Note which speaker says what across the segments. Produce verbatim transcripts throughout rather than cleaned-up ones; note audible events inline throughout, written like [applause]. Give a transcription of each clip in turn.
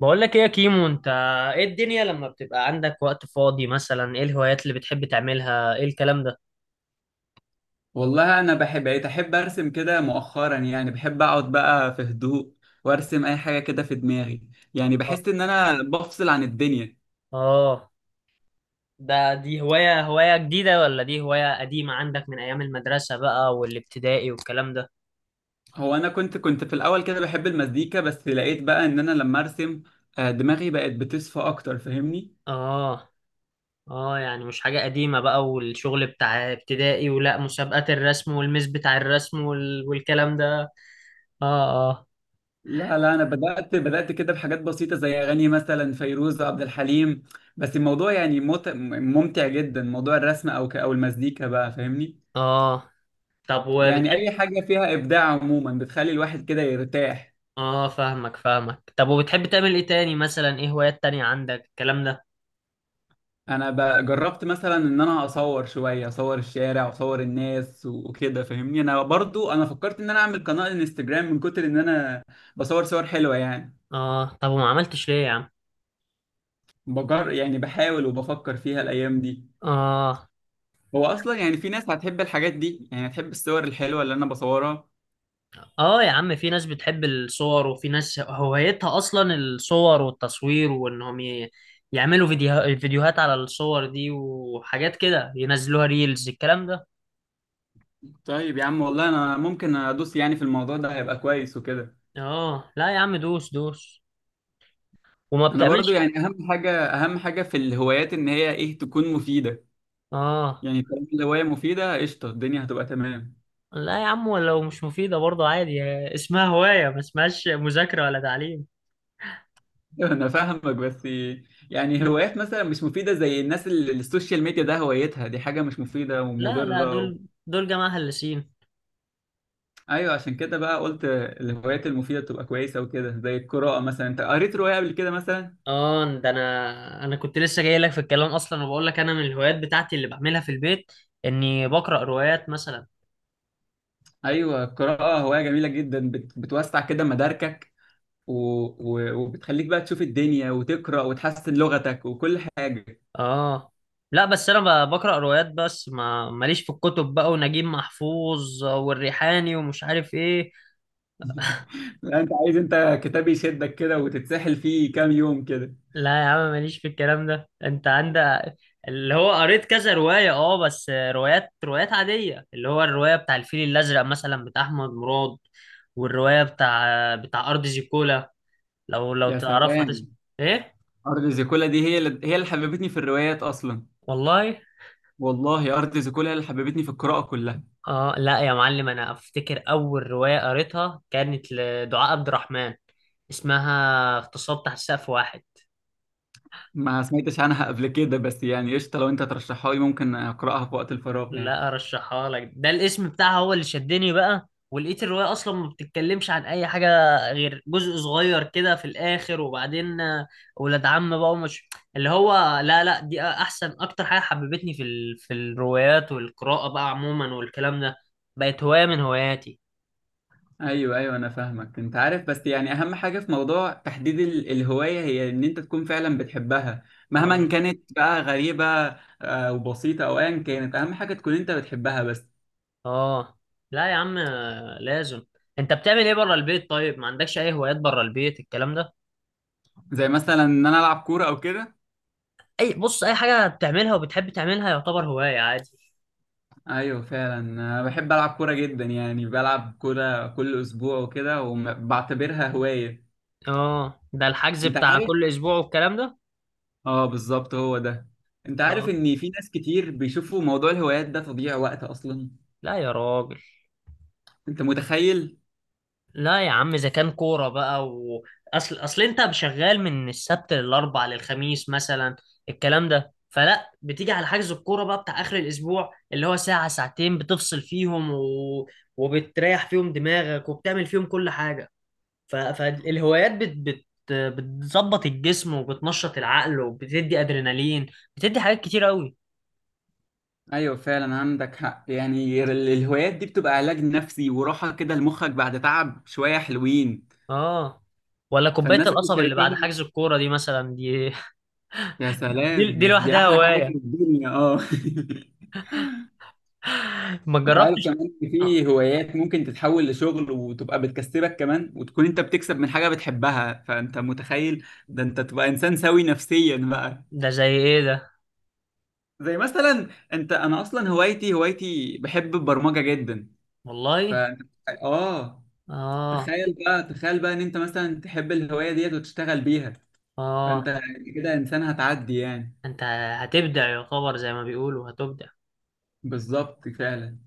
Speaker 1: بقول لك ايه يا كيمو؟ انت ايه الدنيا لما بتبقى عندك وقت فاضي، مثلا ايه الهوايات اللي بتحب تعملها ايه الكلام ده؟
Speaker 2: والله، انا بحب بقيت احب ارسم كده مؤخرا. يعني بحب اقعد بقى في هدوء وارسم اي حاجه كده في دماغي. يعني
Speaker 1: اه.
Speaker 2: بحس ان انا بفصل عن الدنيا.
Speaker 1: آه، ده دي هواية هواية جديدة ولا دي هواية قديمة عندك من ايام المدرسة بقى والابتدائي والكلام ده؟
Speaker 2: هو انا كنت كنت في الاول كده بحب المزيكا، بس لقيت بقى ان انا لما ارسم آه، دماغي بقت بتصفى اكتر، فاهمني؟
Speaker 1: اه اه، يعني مش حاجة قديمة بقى والشغل بتاع ابتدائي، ولا مسابقات الرسم والميس بتاع الرسم وال... والكلام ده؟ اه اه
Speaker 2: لا لا، انا بدات بدات كده بحاجات بسيطه، زي اغاني مثلا فيروز عبد الحليم. بس الموضوع يعني مت- ممتع جدا، موضوع الرسم او ك- او المزيكا بقى، فاهمني؟
Speaker 1: اه. طب
Speaker 2: يعني
Speaker 1: وبتحب.
Speaker 2: اي حاجه فيها ابداع عموما بتخلي الواحد كده يرتاح.
Speaker 1: اه، فاهمك فاهمك. طب وبتحب تعمل ايه تاني؟ مثلا ايه هوايات تانية عندك الكلام ده؟
Speaker 2: انا ب- جربت مثلا ان انا اصور شويه، اصور الشارع واصور الناس و- وكده، فاهمني؟ انا برضو انا فكرت ان انا اعمل قناه انستجرام من كتر ان انا بصور صور حلوه يعني.
Speaker 1: اه. طب وما عملتش ليه يا عم؟
Speaker 2: بجر يعني بحاول وبفكر فيها الايام دي.
Speaker 1: اه،
Speaker 2: هو اصلا يعني في ناس هتحب الحاجات دي، يعني هتحب الصور الحلوه اللي انا بصورها.
Speaker 1: اه يا عم، في ناس بتحب الصور وفي ناس هوايتها اصلا الصور والتصوير، وانهم ي- يعملوا فيديو... فيديوهات على الصور دي وحاجات كده ينزلوها ريلز الكلام ده.
Speaker 2: طيب يا عم، والله انا ممكن ادوس يعني في الموضوع ده، هيبقى كويس وكده.
Speaker 1: اه لا يا عم، دوس دوس. وما
Speaker 2: انا برضو
Speaker 1: بتعملش؟
Speaker 2: يعني اهم حاجه، اهم حاجه في الهوايات ان هي ايه تكون مفيده.
Speaker 1: اه
Speaker 2: يعني طالما الهوايه مفيده قشطه، الدنيا هتبقى تمام.
Speaker 1: لا يا عم، ولو مش مفيدة برضه عادي. اسمها هواية، ما اسمهاش مذاكرة ولا تعليم.
Speaker 2: [laughs] انا فاهمك، بس يعني هوايات مثلا مش مفيده، زي الناس اللي السوشيال ميديا ده هوايتها، دي حاجه مش مفيده
Speaker 1: لا لا،
Speaker 2: ومضره و...
Speaker 1: دول دول جماعة هلسين.
Speaker 2: ايوه، عشان كده بقى قلت الهوايات المفيده تبقى كويسه وكده، زي القراءه مثلا. انت قريت روايه قبل كده مثلا؟
Speaker 1: اه، ده انا انا كنت لسه جاي لك في الكلام اصلا، وبقول لك انا من الهوايات بتاعتي اللي بعملها في البيت اني بقرا روايات مثلا.
Speaker 2: ايوه، القراءه هوايه جميله جدا، بت... بتوسع كده مداركك، و... و... وبتخليك بقى تشوف الدنيا وتقرا وتحسن لغتك وكل حاجه.
Speaker 1: اه لا، بس انا ب- بقرا روايات بس، ما ماليش في الكتب بقى ونجيب محفوظ والريحاني ومش عارف ايه.
Speaker 2: لا، انت عايز انت كتاب يشدك كده وتتسحل فيه كام يوم كده.
Speaker 1: لا يا عم، ماليش في الكلام ده. انت عندك، اللي هو قريت كذا روايه، اه بس روايات روايات عاديه، اللي هو الروايه بتاع الفيل الازرق مثلا بتاع احمد مراد، والروايه بتاع بتاع ارض زيكولا. لو لو
Speaker 2: يا
Speaker 1: تعرفها
Speaker 2: سلام!
Speaker 1: تسمع. ايه؟
Speaker 2: ارض زيكولا دي هي اللي... هي اللي حببتني في الروايات اصلا.
Speaker 1: والله.
Speaker 2: والله أرض زيكولا هي اللي حببتني في القراءة كلها.
Speaker 1: اه لا يا معلم، انا افتكر اول روايه قريتها كانت لدعاء عبد الرحمن، اسمها اغتصاب تحت سقف واحد.
Speaker 2: ما سمعتش عنها قبل كده، بس يعني قشطة، لو أنت ترشحها لي ممكن أقرأها في وقت الفراغ يعني.
Speaker 1: لا ارشحها لك، ده الاسم بتاعها هو اللي شدني بقى، ولقيت الروايه اصلا ما بتتكلمش عن اي حاجه غير جزء صغير كده في الاخر، وبعدين آه، ولاد عم بقى ومش اللي هو. لا لا، دي احسن اكتر حاجه حببتني في ال... في الروايات والقراءه بقى عموما والكلام ده. بقت هوايه من هواياتي.
Speaker 2: أيوه أيوه، أنا فاهمك. أنت عارف بس يعني أهم حاجة في موضوع تحديد ال- الهواية هي إن أنت تكون فعلا بتحبها، مهما
Speaker 1: اه
Speaker 2: كانت بقى غريبة آه، وبسيطة أو أيا كانت. أهم حاجة تكون أنت بتحبها بس.
Speaker 1: اه لا يا عم، آه، لازم. انت بتعمل ايه بره البيت؟ طيب ما عندكش اي هوايات بره البيت الكلام ده؟
Speaker 2: زي مثلا إن أنا ألعب كورة أو كده.
Speaker 1: اي بص، اي حاجه بتعملها وبتحب تعملها يعتبر هوايه عادي.
Speaker 2: ايوه فعلا، انا بحب العب كوره جدا، يعني بلعب كوره كل اسبوع وكده وبعتبرها هوايه.
Speaker 1: اه، ده الحجز
Speaker 2: انت
Speaker 1: بتاع
Speaker 2: عارف؟
Speaker 1: كل اسبوع والكلام ده.
Speaker 2: اه بالظبط، هو ده. انت عارف
Speaker 1: اه
Speaker 2: ان في ناس كتير بيشوفوا موضوع الهوايات ده تضييع وقت اصلا؟
Speaker 1: لا يا راجل.
Speaker 2: انت متخيل؟
Speaker 1: لا يا عم، اذا كان كوره بقى و... اصل اصل انت شغال من السبت للاربع للخميس مثلا الكلام ده، فلا بتيجي على حجز الكوره بقى بتاع اخر الاسبوع اللي هو ساعه ساعتين بتفصل فيهم و... وبتريح فيهم دماغك وبتعمل فيهم كل حاجه. ف- فالهوايات بت بت بتظبط الجسم وبتنشط العقل وبتدي ادرينالين، بتدي حاجات كتير قوي.
Speaker 2: ايوه فعلا، عندك حق. يعني ال- الهوايات دي بتبقى علاج نفسي وراحة كده لمخك بعد تعب، شوية حلوين.
Speaker 1: اه، ولا كوبايه
Speaker 2: فالناس اللي
Speaker 1: القصب اللي
Speaker 2: شايفاها،
Speaker 1: بعد حجز الكوره دي مثلا دي [laughs]
Speaker 2: يا
Speaker 1: دي,
Speaker 2: سلام،
Speaker 1: دي
Speaker 2: يا س- دي
Speaker 1: لوحدها
Speaker 2: احلى حاجة في
Speaker 1: هوايه،
Speaker 2: الدنيا، اه. [laughs]
Speaker 1: ما
Speaker 2: انت عارف
Speaker 1: جربتش.
Speaker 2: كمان إن
Speaker 1: آه،
Speaker 2: في هوايات ممكن تتحول لشغل وتبقى بتكسبك كمان، وتكون انت بتكسب من حاجة بتحبها، فانت متخيل؟ ده انت تبقى انسان سوي نفسيا بقى.
Speaker 1: ده زي ايه ده؟
Speaker 2: زي مثلا، انت انا اصلا هوايتي هوايتي بحب البرمجه جدا.
Speaker 1: والله.
Speaker 2: فانت، اه
Speaker 1: اه.
Speaker 2: تخيل بقى، تخيل بقى ان انت مثلا تحب الهوايه ديت وتشتغل بيها،
Speaker 1: اه،
Speaker 2: فانت كده انسان هتعدي يعني.
Speaker 1: انت هتبدع يا خبر زي ما بيقولوا، هتبدع.
Speaker 2: بالظبط، فعلا.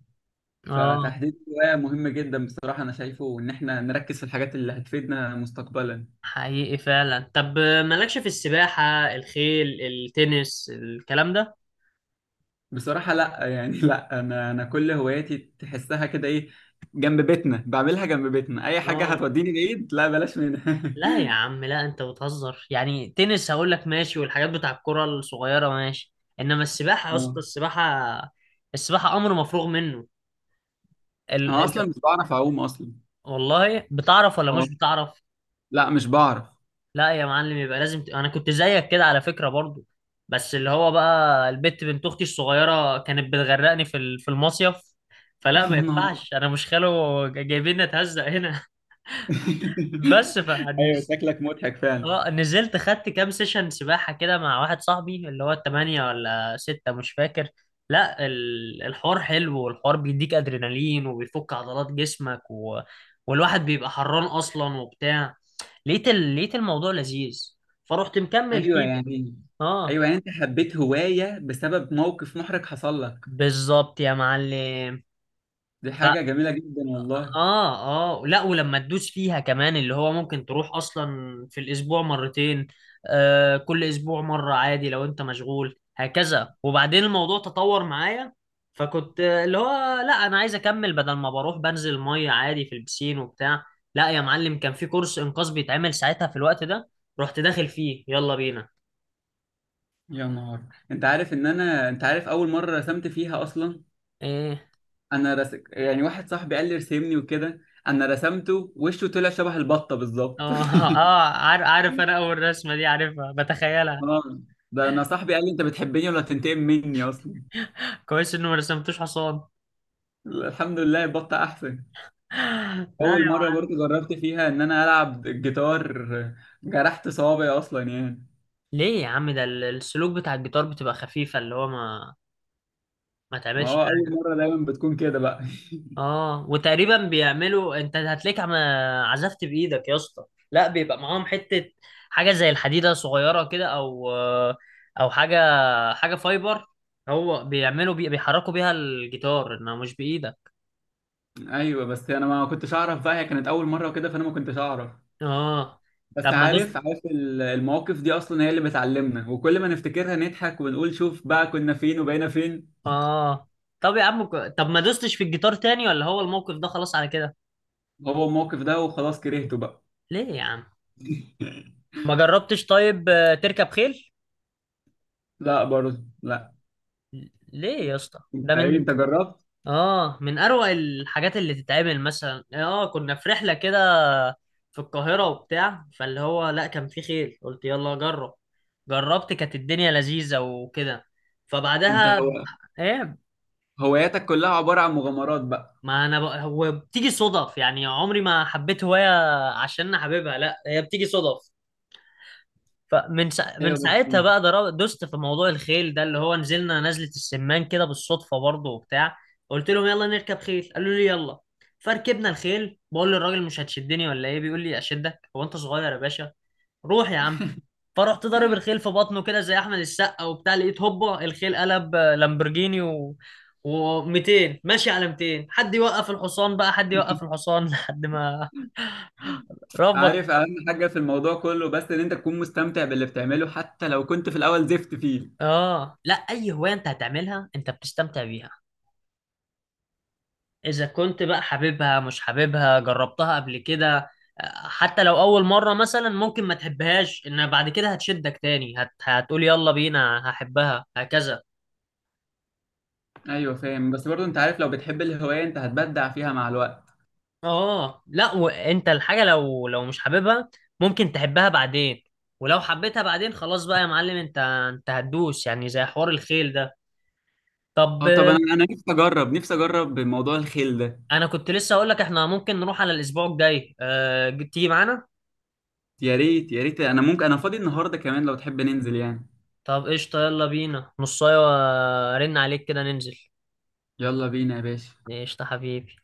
Speaker 1: اه،
Speaker 2: فتحديد الهوايه مهم جدا بصراحه، انا شايفه ان احنا نركز في الحاجات اللي هتفيدنا مستقبلا.
Speaker 1: حقيقي فعلا. طب مالكش في السباحه، الخيل، التنس، الكلام ده؟
Speaker 2: بصراحه لا، يعني لا. انا، انا كل هواياتي تحسها كده ايه، جنب بيتنا بعملها. جنب بيتنا، اي حاجه
Speaker 1: اه
Speaker 2: هتوديني بعيد لا، بلاش منها.
Speaker 1: لا يا عم، لا انت بتهزر يعني. تنس هقول لك ماشي، والحاجات بتاع الكرة الصغيرة ماشي، انما السباحة يا اسطى،
Speaker 2: [laughs]
Speaker 1: السباحة، السباحة امر مفروغ منه. ال...
Speaker 2: انا
Speaker 1: ال...
Speaker 2: اصلا مش بعرف اعوم اصلا.
Speaker 1: والله بتعرف ولا مش
Speaker 2: اه،
Speaker 1: بتعرف؟
Speaker 2: لا مش بعرف.
Speaker 1: لا يا معلم، يبقى لازم ت... انا كنت زيك كده على فكرة برضو، بس اللي هو بقى البت بنت اختي الصغيرة كانت بتغرقني في ال... في المصيف. فلا،
Speaker 2: [laughs]
Speaker 1: ما
Speaker 2: يا نهار!
Speaker 1: ينفعش، انا مش خاله جايبين نتهزق هنا. [laughs] بس
Speaker 2: [laughs]
Speaker 1: ف
Speaker 2: ايوه، شكلك مضحك فعلا.
Speaker 1: اه نزلت خدت كام سيشن سباحة كده مع واحد صاحبي، اللي هو التمانية ولا ستة مش فاكر. لا، ال- الحوار حلو، والحوار بيديك أدرينالين وبيفك عضلات جسمك و... والواحد بيبقى حران أصلا وبتاع. لقيت ال... لقيت الموضوع لذيذ، فرحت مكمل
Speaker 2: ايوه
Speaker 1: فيه بقى.
Speaker 2: يعني،
Speaker 1: اه،
Speaker 2: ايوه يعني انت حبيت هوايه بسبب موقف محرج حصل لك.
Speaker 1: بالظبط يا معلم.
Speaker 2: دي حاجه جميله جدا والله.
Speaker 1: اه اه، لا ولما تدوس فيها كمان اللي هو ممكن تروح اصلا في الاسبوع مرتين. آه كل اسبوع مرة عادي لو انت مشغول هكذا، وبعدين الموضوع تطور معايا، فكنت آه، اللي هو لا، انا عايز اكمل، بدل ما بروح بنزل مية عادي في البسين وبتاع. لا يا معلم، كان في كورس انقاذ بيتعمل ساعتها في الوقت ده، رحت داخل فيه يلا بينا.
Speaker 2: يا نهار! انت عارف ان انا انت عارف اول مره رسمت فيها اصلا؟
Speaker 1: ايه؟
Speaker 2: انا رس... يعني واحد صاحبي قال لي ارسمني وكده. انا رسمته، وشه طلع شبه البطه
Speaker 1: [laughs]
Speaker 2: بالظبط.
Speaker 1: اه
Speaker 2: [laughs]
Speaker 1: اه، عارف عارف انا، اول رسمة دي عارفها بتخيلها.
Speaker 2: اه، ده انا صاحبي قال لي انت بتحبني ولا تنتقم مني اصلا.
Speaker 1: [laughs] كويس انه ما رسمتوش حصان.
Speaker 2: الحمد لله البطه احسن.
Speaker 1: [laughs] لا.
Speaker 2: اول مره برضو جربت فيها ان انا العب الجيتار، جرحت صوابعي اصلا يعني.
Speaker 1: ليه يا عم؟ ده ال- السلوك بتاع الجيتار بتبقى خفيفة، اللي هو ما ما
Speaker 2: ما
Speaker 1: تعملش
Speaker 2: هو اول
Speaker 1: حاجة.
Speaker 2: مره دايما بتكون كده بقى. [laughs]
Speaker 1: اه، وتقريبا بيعملوا، انت هتلاقيك عم عزفت بإيدك يا اسطى. لا بيبقى معاهم حتة حاجة زي الحديدة صغيرة كده، او او حاجة حاجة فايبر، هو بيعملوا بي... بيحركوا بيها الجيتار انما مش بإيدك.
Speaker 2: ايوه بس انا ما كنتش اعرف بقى، هي كانت اول مره وكده، فانا ما كنتش اعرف.
Speaker 1: اه. طب
Speaker 2: بس
Speaker 1: ما دوست؟
Speaker 2: عارف، عارف ال- المواقف دي اصلا هي اللي بتعلمنا، وكل ما نفتكرها نضحك ونقول شوف بقى كنا فين وبقينا فين.
Speaker 1: اه. طب يا عم ك- طب ما دوستش في الجيتار تاني، ولا هو الموقف ده خلاص على كده؟
Speaker 2: هو الموقف ده وخلاص، كرهته بقى.
Speaker 1: ليه يا عم؟
Speaker 2: [laughs]
Speaker 1: ما جربتش طيب آه، تركب خيل؟
Speaker 2: لا برضه، لا.
Speaker 1: ليه يا اسطى؟ ده
Speaker 2: انت ايه؟
Speaker 1: من.
Speaker 2: انت جربت؟
Speaker 1: اه، من اروع الحاجات اللي تتعمل. مثلا اه، كنا في رحله كده في القاهره وبتاع، فاللي هو لا، كان في خيل قلت يلا جرب، جربت كانت الدنيا لذيذه وكده،
Speaker 2: انت
Speaker 1: فبعدها.
Speaker 2: هو
Speaker 1: ايه؟
Speaker 2: هواياتك كلها عباره عن مغامرات بقى؟
Speaker 1: ما انا ب... هو بتيجي صدف يعني. عمري ما حبيت هوايه عشان انا حاببها، لا هي بتيجي صدف. فمن سا... من
Speaker 2: ايوه بس
Speaker 1: ساعتها
Speaker 2: إيه؟
Speaker 1: بقى در- دست في موضوع الخيل ده، اللي هو نزلنا نزلة السمان كده بالصدفة برضه وبتاع. قلت لهم يلا نركب خيل، قالوا لي يلا، فركبنا الخيل. بقول للراجل مش هتشدني ولا ايه؟ بيقول لي اشدك، هو انت صغير يا باشا؟ روح يا عم. فرحت ضارب الخيل في بطنه كده زي احمد السقا وبتاع، لقيت هوبا الخيل قلب آه، لامبرجيني و و200 ماشي على مئتين. حد يوقف الحصان بقى، حد يوقف
Speaker 2: [laughs]
Speaker 1: الحصان [laughs] لحد ما ربك.
Speaker 2: عارف اهم حاجه في الموضوع كله، بس ان انت تكون مستمتع باللي بتعمله حتى لو كنت في الاول زفت فيه.
Speaker 1: اه، لا اي هوايه انت هتعملها انت بتستمتع بيها، إذا كنت بقى حاببها، مش حاببها جربتها قبل كده. آه، حتى لو أول مرة مثلا ممكن ما تحبهاش إن بعد كده هتشدك تاني، هت... هتقول يلا بينا هحبها هكذا.
Speaker 2: ايوه فاهم، بس برضه انت عارف لو بتحب الهوايه انت هتبدع فيها مع الوقت.
Speaker 1: آه لا، وأنت الحاجة لو لو مش حاببها ممكن تحبها بعدين، ولو حبيتها بعدين خلاص بقى يا معلم، أنت أنت هتدوس يعني زي حوار الخيل ده. طب
Speaker 2: اه طب انا
Speaker 1: آه،
Speaker 2: انا نفسي اجرب، نفسي اجرب موضوع الخيل ده.
Speaker 1: أنا كنت لسه أقول لك إحنا ممكن نروح على الأسبوع الجاي أه... تيجي معانا؟
Speaker 2: يا ريت، يا ريت. انا ممكن، انا فاضي النهارده كمان لو تحب ننزل يعني.
Speaker 1: طب قشطة، يلا بينا نصاية، رن عليك كده ننزل.
Speaker 2: يلا بينا يا باشا.
Speaker 1: قشطة حبيبي.